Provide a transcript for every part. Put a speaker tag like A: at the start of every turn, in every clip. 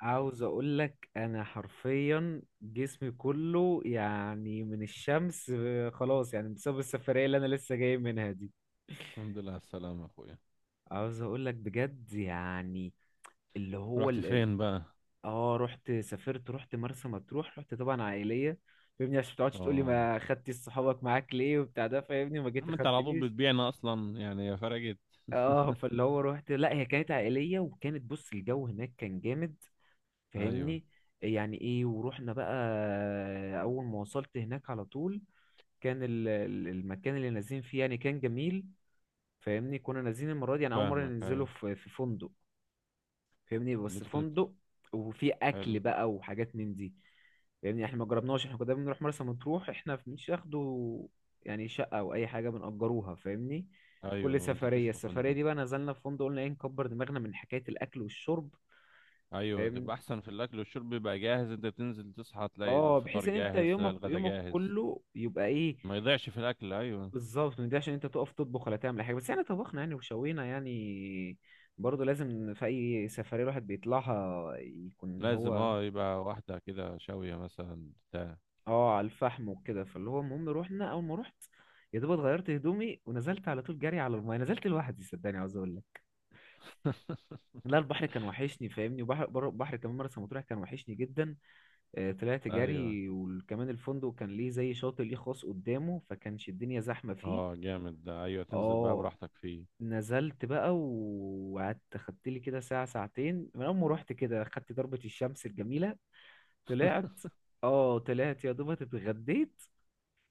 A: عاوز اقول لك انا حرفيا جسمي كله يعني من الشمس، خلاص يعني بسبب السفرية اللي انا لسه جاي منها دي.
B: الحمد لله على السلامة أخويا.
A: عاوز اقول لك بجد يعني اللي هو
B: رحت
A: ال... ال-
B: فين بقى؟
A: اه رحت، سافرت، رحت مرسى مطروح، رحت طبعا عائلية. فاهمني، عشان ما تقعدش تقولي
B: آه،
A: ما خدتش صحابك معاك ليه وبتاع ده، فاهمني ما جيت
B: عم أنت على طول
A: خدتنيش.
B: بتبيعنا أصلا يعني يا فرقت.
A: اه، فاللي هو رحت، لا هي كانت عائلية، وكانت بص الجو هناك كان جامد.
B: أيوه
A: فاهمني، يعني ايه، ورحنا بقى. اول ما وصلت هناك على طول كان المكان اللي نازلين فيه يعني كان جميل. فاهمني، كنا نازلين المره دي يعني اول مره
B: فاهمك.
A: ننزله
B: أيوه،
A: في فندق. فاهمني،
B: اللي
A: بس
B: أنت كنت بت...
A: فندق وفي
B: حلو.
A: اكل بقى وحاجات من دي. فاهمني، احنا ما جربناش، احنا كنا دايما بنروح مرسى مطروح احنا مش ياخدوا يعني شقه او اي حاجه بنأجروها، فاهمني. في
B: أيوه،
A: كل
B: ما نزلتوش
A: سفريه،
B: في
A: السفريه
B: فندق.
A: دي بقى نزلنا في فندق. قلنا ايه، نكبر دماغنا من حكايه الاكل والشرب.
B: أيوه،
A: فاهمني.
B: تبقى أحسن في الأكل والشرب بيبقى جاهز، أنت بتنزل تصحى تلاقي
A: اه،
B: الفطار
A: بحيث ان انت
B: جاهز، تلاقي
A: يومك،
B: الغدا
A: يومك
B: جاهز.
A: كله يبقى ايه.
B: ما يضيعش في الأكل، أيوه.
A: بالظبط، من ده عشان انت تقف تطبخ ولا تعمل أي حاجه. بس احنا طبخنا يعني وشوينا يعني، برضه لازم في اي سفريه الواحد بيطلعها يكون اللي
B: لازم،
A: هو
B: يبقى واحدة كده شاوية مثلا بتاع.
A: اه على الفحم وكده. فاللي هو المهم، روحنا، اول ما رحت يا دوب اتغيرت هدومي ونزلت على طول جري على المايه. نزلت لوحدي، صدقني، عاوز اقول لك، لا، البحر كان وحشني، فاهمني. وبحر بر- بحر كمان مرسى مطروح كان وحشني جدا. طلعت
B: أيوه.
A: جري، وكمان الفندق كان ليه زي شاطئ ليه خاص قدامه، فكانش الدنيا زحمه فيه.
B: أه، جامد ده. أيوه تنزل بقى
A: اه.
B: براحتك فيه.
A: نزلت بقى وقعدت، خدت لي كده ساعة ساعتين من أول ما روحت كده، خدت ضربة الشمس الجميلة، طلعت. اه، طلعت يا دوبك اتغديت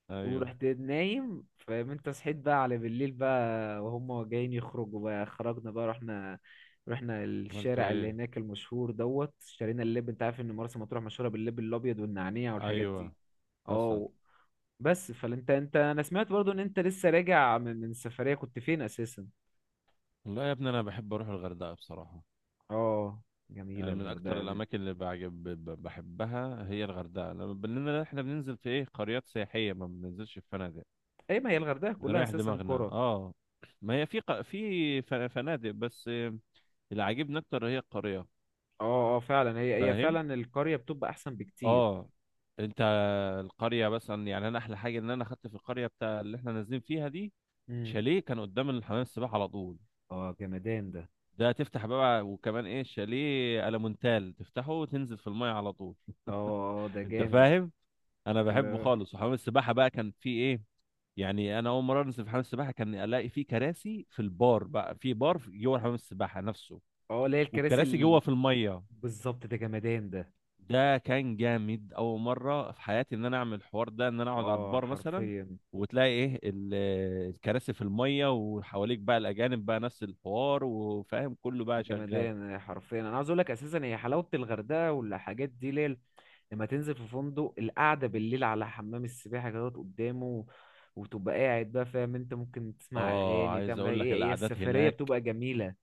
B: أيوه،
A: ورحت نايم. فاهم انت، صحيت بقى على بالليل بقى وهم جايين يخرجوا بقى، خرجنا بقى، رحنا. رحنا
B: عملتوا
A: الشارع اللي
B: إيه؟
A: هناك المشهور دوت، اشترينا اللب. انت عارف ان مرسى مطروح مشهورة باللب الابيض والنعناع والحاجات
B: أيوه،
A: دي.
B: حصل.
A: اه. بس فانت انت انا سمعت برضو ان انت لسه راجع من سفرية. كنت فين اساسا؟
B: والله يا ابني انا بحب اروح الغردقه بصراحه.
A: اه، جميلة
B: يعني من اكتر
A: الغردقة دي.
B: الاماكن اللي بعجب بحبها هي الغردقه، لما بننا احنا بننزل في ايه قريات سياحيه، ما بننزلش في فنادق.
A: اي، ما هي الغردقة كلها
B: بنريح
A: اساسا
B: دماغنا،
A: قرى.
B: اه. ما هي في فنادق بس. اللي عاجبني اكتر هي القريه.
A: اه اه، فعلا، هي
B: فاهم،
A: فعلا القرية بتبقى احسن بكتير.
B: اه. انت، القريه مثلا، يعني انا احلى حاجه ان انا خدت في القريه بتاع اللي احنا نازلين فيها دي
A: امم.
B: شاليه كان قدام الحمام السباحه على طول.
A: اه، جمدان ده.
B: ده تفتح بقى وكمان ايه، شاليه المونتال تفتحه وتنزل في الميه على طول.
A: اه اه، ده
B: انت
A: جامد.
B: فاهم، انا بحبه
A: لا-
B: خالص. وحمام السباحه بقى كان فيه ايه، يعني انا اول مره انزل في حمام السباحه كان الاقي فيه كراسي في البار بقى، في بار جوه حمام السباحه نفسه،
A: اه، اللي هي الكراسي
B: والكراسي جوه في الميه.
A: بالظبط، ده جمدان ده.
B: ده كان جامد، اول مره في حياتي ان انا اعمل الحوار ده، ان انا اقعد على
A: اه،
B: البار مثلا،
A: حرفيا.
B: وتلاقي ايه الكراسي في الميه، وحواليك بقى الاجانب بقى نفس الحوار وفاهم كله بقى شغال.
A: جمدان حرفيا، انا عاوز اقول لك، اساسا هي حلاوة الغردقة والحاجات دي ليل. لما تنزل في فندق القعدة بالليل على حمام السباحة كده قدامه، وتبقى قاعد بقى، فاهم انت، ممكن تسمع
B: اه،
A: اغاني،
B: عايز
A: تعمل
B: اقول لك
A: ايه، ايه
B: القعدات
A: السفرية
B: هناك.
A: بتبقى جميلة.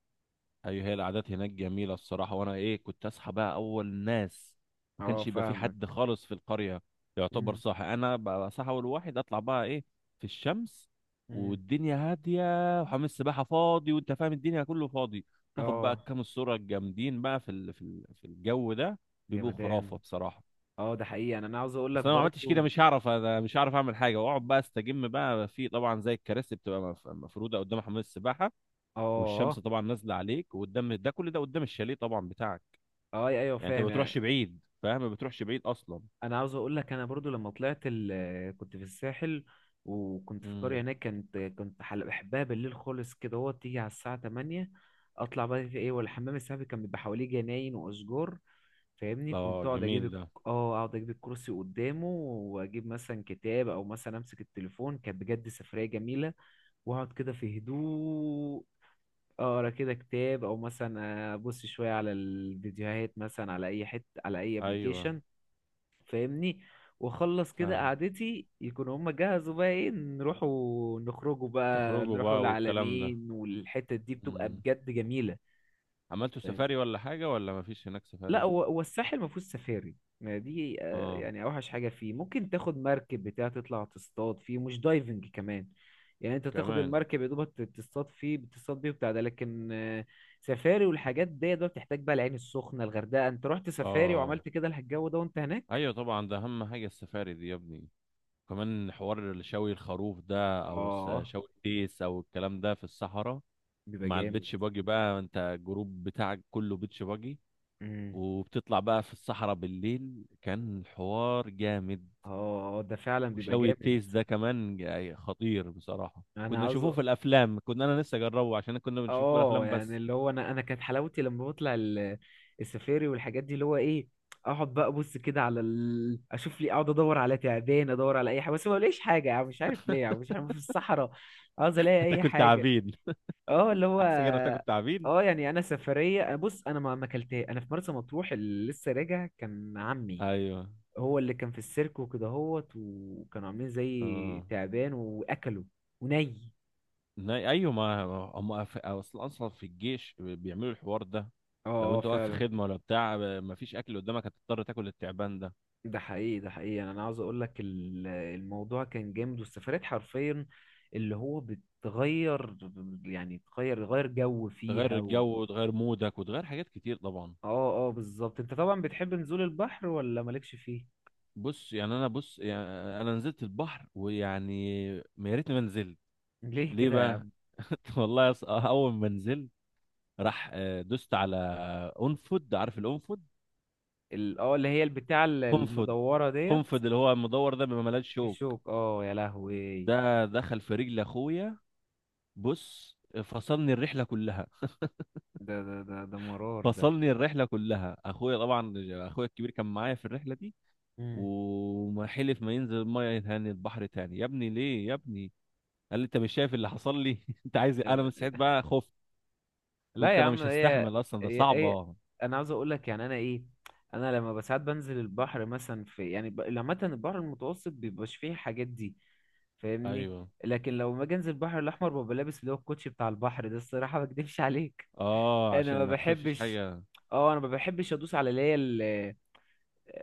B: ايوه، هي القعدات هناك جميله الصراحه. وانا ايه كنت اصحى بقى اول ناس، ما
A: اه،
B: كانش يبقى في
A: فاهمك.
B: حد خالص في القريه. يعتبر
A: مم.
B: صاحي، انا بقى صاحي اول واحد اطلع بقى ايه في الشمس،
A: مم.
B: والدنيا هاديه وحمام السباحه فاضي وانت فاهم الدنيا كله فاضي. تاخد بقى
A: اه،
B: كام الصوره الجامدين بقى في الجو ده، بيبقوا خرافه
A: جمدان.
B: بصراحه.
A: اه، ده حقيقي يعني، انا عاوز اقول لك
B: اصل انا ما عملتش كده،
A: برضو.
B: مش هعرف، انا مش هعرف اعمل حاجه واقعد بقى استجم بقى. في طبعا زي الكراسي بتبقى مفروده قدام حمام السباحه، والشمس
A: اه
B: طبعا نازله عليك، وقدام ده كل ده قدام الشاليه طبعا بتاعك.
A: اه، ايوه
B: يعني انت ما
A: فاهم
B: بتروحش
A: يعني.
B: بعيد، فاهم ما بتروحش بعيد اصلا.
A: انا عاوز اقول لك، انا برضو لما طلعت كنت في الساحل، وكنت في قرية
B: امم.
A: هناك، كنت بحبها بالليل خالص كده. هو تيجي على الساعة 8 اطلع بقى في ايه، والحمام السحري كان بيبقى حواليه جناين واشجار. فاهمني، كنت
B: اه،
A: اقعد اجيب
B: جميل ده.
A: اه، اقعد اجيب الكرسي قدامه واجيب مثلا كتاب، او مثلا امسك التليفون. كانت بجد سفرية جميلة. واقعد كده في هدوء، اقرا كده كتاب، او مثلا ابص شويه على الفيديوهات مثلا، على اي حته، على اي
B: ايوه،
A: ابلكيشن. فاهمني. واخلص كده
B: فاهم.
A: قعدتي يكون هما جهزوا بقى، ايه نروحوا نخرجوا بقى،
B: تخرجوا
A: نروحوا
B: بقى والكلام ده.
A: العالمين. والحتة دي بتبقى
B: امم.
A: بجد جميلة.
B: عملتوا سفاري ولا حاجه ولا ما فيش هناك
A: لا،
B: سفاري؟
A: هو الساحل ما فيهوش سفاري. ما دي
B: اه،
A: يعني اوحش حاجه فيه ممكن تاخد مركب بتاع، تطلع تصطاد فيه، مش دايفنج كمان. يعني انت تاخد
B: كمان،
A: المركب يا دوبك، تصطاد فيه، بتصطاد بيه وبتاع ده. لكن سفاري والحاجات دي، ده بتحتاج بقى العين السخنه، الغردقه. انت رحت سفاري
B: اه.
A: وعملت كده الجو ده وانت هناك.
B: ايوه طبعا، ده اهم حاجه السفاري دي يا ابني. كمان حوار شوي الخروف ده
A: اه،
B: شوي التيس او الكلام ده في الصحراء.
A: بيبقى
B: مع
A: جامد.
B: البيتش باجي بقى، انت الجروب بتاعك كله بيتش باجي،
A: امم.
B: وبتطلع بقى في الصحراء بالليل، كان حوار جامد.
A: اه. ده فعلا بيبقى
B: وشوي
A: جامد.
B: التيس ده كمان خطير بصراحة.
A: انا
B: كنا
A: عاوز.
B: نشوفه في الأفلام، أنا لسه أجربه عشان كنا بنشوفه في
A: اه،
B: الأفلام
A: يعني
B: بس.
A: اللي هو، انا كانت حلاوتي لما بطلع السفاري والحاجات دي، اللي هو ايه، اقعد بقى ابص كده على اشوف لي، اقعد ادور على تعبان، ادور على اي حاجه، بس ما بلاقيش حاجه، يعني مش عارف ليه، يعني مش عارف، في الصحراء عاوز الاقي اي
B: هتاكل
A: حاجه.
B: تعابين.
A: اه، اللي هو
B: أحسن هتاكل تعابين.
A: اه، يعني انا سفريه، بص انا ما اكلتها، انا في مرسى مطروح اللي لسه راجع، كان عمي
B: أيوه،
A: هو اللي كان في السيرك وكده هوت، وكانوا عاملين زي
B: آه.
A: تعبان واكله وني.
B: أيوه ما. هم أصلا أصلا في الجيش بيعملوا الحوار ده.
A: اه.
B: لو أنت واقف في
A: فعلا،
B: خدمة ولا بتاع مفيش أكل قدامك، هتضطر تاكل التعبان ده.
A: ده حقيقي، ده حقيقي، يعني انا عاوز اقول لك الموضوع كان جامد، والسفرات حرفيا اللي هو بتغير، يعني تغير، غير جو
B: تغير
A: فيها و...
B: الجو وتغير مودك وتغير حاجات كتير طبعا.
A: اه اه، بالظبط. انت طبعا بتحب نزول البحر ولا مالكش فيه؟
B: بص يعني انا، نزلت البحر ويعني ما يا ريتني ما نزلت.
A: ليه
B: ليه
A: كده يا
B: بقى؟
A: عم؟
B: والله اول ما نزلت راح، دوست على اونفود، عارف الانفود؟
A: اه، اللي هي البتاع
B: قنفد.
A: المدورة ديت،
B: قنفد اللي هو المدور ده بيبقى ملهاش شوك.
A: الشوك، اه يا لهوي.
B: ده دخل في رجل اخويا. بص، فصلني الرحله كلها.
A: ده مرار ده.
B: فصلني الرحله كلها اخويا طبعا. اخويا الكبير كان معايا في الرحله دي، وما حلف ما ينزل الميه تاني، البحر تاني يا ابني. ليه يا ابني؟ قال لي: انت مش شايف اللي حصل لي؟ انت عايز إيه؟ انا من
A: مم.
B: ساعتها بقى خفت.
A: لا
B: قلت
A: يا
B: انا
A: عم،
B: مش
A: هي
B: هستحمل اصلا، ده
A: هي هي
B: صعبة.
A: انا عاوز اقول لك، يعني انا ايه، انا لما بساعات بنزل البحر مثلا لما البحر المتوسط بيبقاش فيه الحاجات دي، فاهمني.
B: ايوه.
A: لكن لو ما انزل البحر الاحمر، ببقى لابس اللي هو الكوتشي بتاع البحر ده، الصراحه ما اكدبش عليك.
B: اه،
A: انا
B: عشان
A: ما
B: ما تخافيش
A: بحبش،
B: حاجة.
A: اه انا ما بحبش ادوس على اللي هي ال-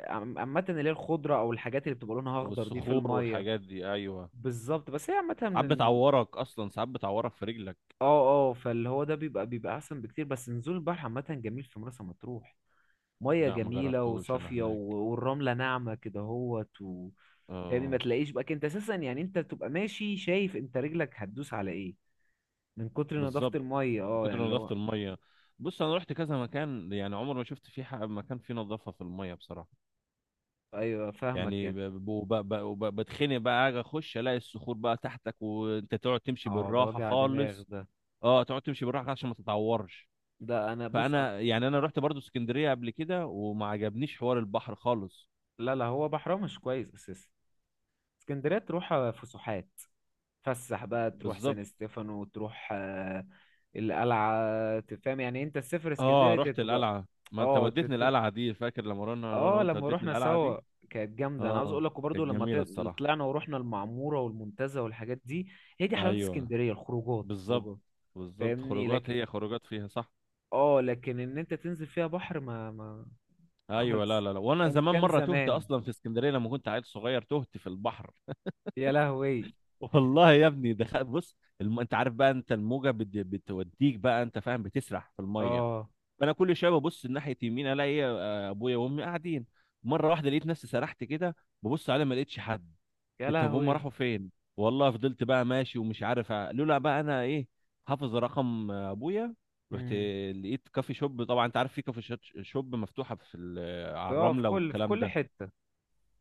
A: عم- عامه اللي هي الخضره، او الحاجات اللي بتبقى لونها اخضر دي في
B: والصخور
A: الميه.
B: والحاجات دي، ايوه.
A: بالظبط. بس هي عامه
B: ساعات بتعورك اصلا، ساعات بتعورك في رجلك.
A: اه اه، فاللي هو ده بيبقى احسن بكتير. بس نزول البحر عامه جميل في مرسى مطروح، ميه
B: لا ما
A: جميله
B: جربتهوش انا
A: وصافيه
B: هناك.
A: والرمله ناعمه كده اهوت و... يعني ما
B: اه،
A: تلاقيش بقى انت اساسا، يعني انت بتبقى ماشي شايف انت رجلك هتدوس على ايه، من كتر نظافه
B: بالظبط،
A: الميه.
B: من
A: اه،
B: كتر
A: يعني اللي
B: نظافة
A: هو
B: المية. بص انا رحت كذا مكان، يعني عمر ما شفت فيه مكان فيه نظافة في المية بصراحة.
A: ايوه فاهمك
B: يعني
A: يعني.
B: بتخنق بقى، اجي اخش الاقي الصخور بقى تحتك، وانت تقعد تمشي
A: اه، ده
B: بالراحة
A: وجع دماغ
B: خالص.
A: ده.
B: اه، تقعد تمشي بالراحة عشان ما تتعورش.
A: ده انا بص انا.
B: فانا يعني انا رحت برضو اسكندريه قبل كده وما عجبنيش حوار البحر خالص.
A: لا لا، هو بحرها مش كويس اساسا. اسكندريه تروح فسحات، تفسح بقى، تروح
B: بالظبط.
A: سان ستيفانو، تروح القلعه، تفهم. يعني انت تسافر
B: اه،
A: اسكندريه دي
B: رحت
A: تبقى.
B: القلعه. ما انت
A: اه
B: وديتني القلعه دي، فاكر لما رحنا انا
A: اه،
B: وانت
A: لما
B: وديتني
A: روحنا
B: القلعه
A: سوا،
B: دي؟
A: كانت جامده. انا عاوز
B: اه،
A: اقول لك،
B: كانت
A: وبرضه لما
B: جميله الصراحه.
A: طلعنا ورحنا المعموره والمنتزه والحاجات دي. هي دي حلاوه
B: ايوه،
A: اسكندريه، الخروجات
B: بالظبط.
A: خروجات.
B: بالظبط،
A: فاهمني،
B: خروجات،
A: لكن،
B: هي خروجات فيها صح.
A: اه، لكن ان انت تنزل فيها بحر ما
B: ايوه. لا
A: خالص.
B: لا لا، وانا
A: كان
B: زمان
A: كان
B: مره تهت
A: زمان،
B: اصلا في اسكندريه لما كنت عيل صغير، تهت في البحر.
A: يا لهوي.
B: والله يا ابني، دخل، بص انت عارف بقى انت الموجه بتوديك بقى انت فاهم بتسرح في الميه.
A: اه،
B: فانا كل شويه ببص ناحيه يمين الاقي إيه، آه، ابويا وامي قاعدين. مره واحده لقيت نفسي سرحت كده، ببص عليهم ما لقيتش حد.
A: يا
B: قلت طب هم
A: لهوي.
B: راحوا فين؟ والله فضلت بقى ماشي ومش عارف لولا بقى انا ايه، حافظ رقم ابويا، رحت
A: امم.
B: لقيت كافي شوب. طبعا انت عارف في كافي شوب مفتوحه في على
A: في في
B: الرمله
A: كل في
B: والكلام
A: كل
B: ده.
A: حته.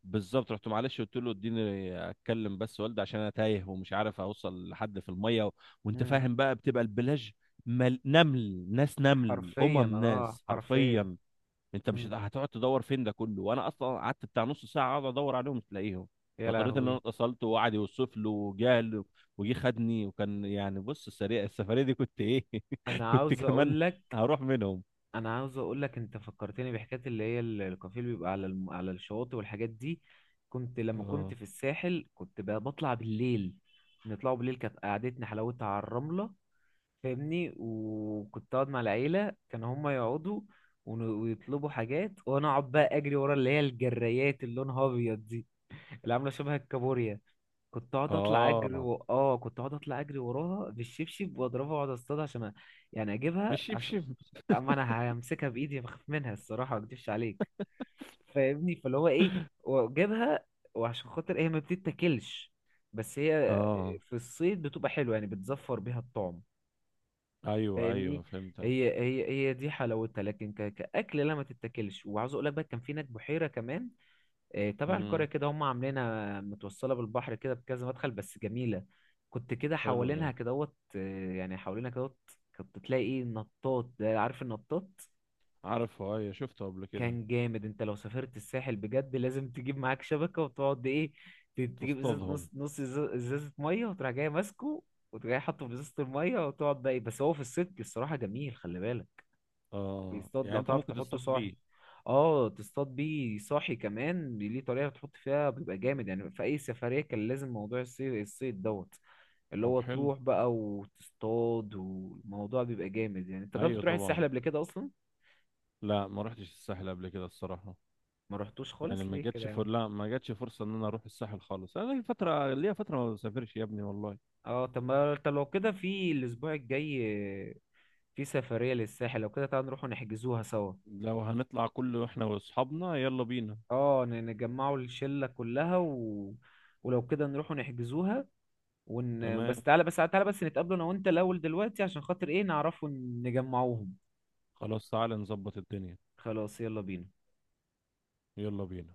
B: بالظبط، رحت، معلش قلت له اديني اتكلم بس والدي عشان انا تايه ومش عارف اوصل لحد في الميه و... وانت
A: امم.
B: فاهم بقى بتبقى البلاج نمل، ناس نمل،
A: حرفيا،
B: امم،
A: اه
B: ناس
A: حرفيا.
B: حرفيا. انت مش
A: امم،
B: هتقعد تدور فين ده كله. وانا اصلا قعدت بتاع نص ساعه اقعد ادور عليهم مش لاقيهم.
A: يا
B: فاضطريت ان انا
A: لهوي.
B: اتصلت وقعد يوصف له، وجه له، وجه خدني. وكان يعني بص السريع السفريه دي كنت ايه.
A: انا
B: كنت
A: عاوز
B: كمان
A: اقول لك،
B: هروح منهم.
A: انا عاوز اقول لك، انت فكرتني بحكايه اللي هي الكافيه اللي بيبقى على على الشواطئ والحاجات دي. كنت لما كنت
B: اه
A: في الساحل، كنت بطلع بالليل، نطلعوا بالليل، كانت قعدتنا حلاوتها على الرمله. فاهمني. وكنت اقعد مع العيله، كانوا هم يقعدوا ويطلبوا حاجات، وانا اقعد بقى اجري ورا اللي هي الجرايات اللي لونها ابيض دي، اللي عامله شبه الكابوريا. كنت اقعد اطلع اجري
B: اه،
A: و... اه، كنت اقعد اطلع اجري وراها بالشبشب، واضربها، واقعد اصطادها عشان يعني اجيبها، عشان
B: بالشبشب.
A: اما انا همسكها بايدي بخاف منها الصراحه، ما اكدبش عليك. فاهمني، فاللي هو ايه، واجيبها. وعشان خاطر هي ما بتتاكلش، بس هي
B: اه،
A: في الصيد بتبقى حلوه، يعني بتزفر بيها الطعم.
B: ايوه ايوه
A: فاهمني.
B: فهمت.
A: هي دي حلاوتها، لكن كاكل لا، ما تتاكلش. وعاوز اقول لك بقى، كان في هناك بحيره كمان تبع القرية
B: امم.
A: كده، هم عاملينها متوصلة بالبحر كده بكذا مدخل، بس جميلة. كنت كده
B: حلو ده.
A: حوالينها كدهوت، يعني حوالينها كدهوت، كنت تلاقي ايه، نطاط. ده عارف النطاط؟
B: عارفه ايوه، شفته قبل كده.
A: كان جامد. انت لو سافرت الساحل بجد لازم تجيب معاك شبكة وتقعد ايه، تجيب ازازة، نص
B: تصطادهم.
A: نص، ازازة مية، وتروح جاي ماسكه، وتروح جاي حاطه في ازازة المية، وتقعد بقى ايه. بس هو في الصدق الصراحة جميل، خلي بالك.
B: اه،
A: بيصطاد،
B: يعني
A: لو
B: انت
A: تعرف
B: ممكن
A: تحط
B: تصطاد
A: صاحي،
B: بيه.
A: اه، تصطاد بيه صاحي كمان، ليه طريقة تحط فيها، بيبقى جامد. يعني في أي سفرية كان لازم موضوع الصيد، الصيد دوت، اللي
B: طب
A: هو
B: حلو.
A: تروح بقى وتصطاد، والموضوع بيبقى جامد. يعني انت جربت
B: ايوه
A: تروح
B: طبعا.
A: الساحل قبل كده أصلا؟
B: لا ما رحتش الساحل قبل كده الصراحه.
A: ما رحتوش خالص،
B: يعني ما
A: ليه كده
B: جاتش فر...
A: يعني؟
B: لا ما جاتش فرصه ان انا اروح الساحل خالص. انا لي فتره ليا فتره ما بسافرش يا ابني والله.
A: اه، طب ما طب لو كده، في الأسبوع الجاي في سفرية للساحل، لو كده تعال نروح نحجزوها سوا.
B: لو هنطلع كله احنا واصحابنا يلا بينا.
A: اه، نجمعوا الشلة كلها و... ولو كده نروحوا نحجزوها. ون،
B: تمام.
A: بس تعالى، بس تعالى بس نتقابلوا انا وانت الاول دلوقتي، عشان خاطر ايه نعرفوا نجمعوهم.
B: خلاص تعالى نظبط الدنيا.
A: خلاص، يلا بينا.
B: يلا بينا.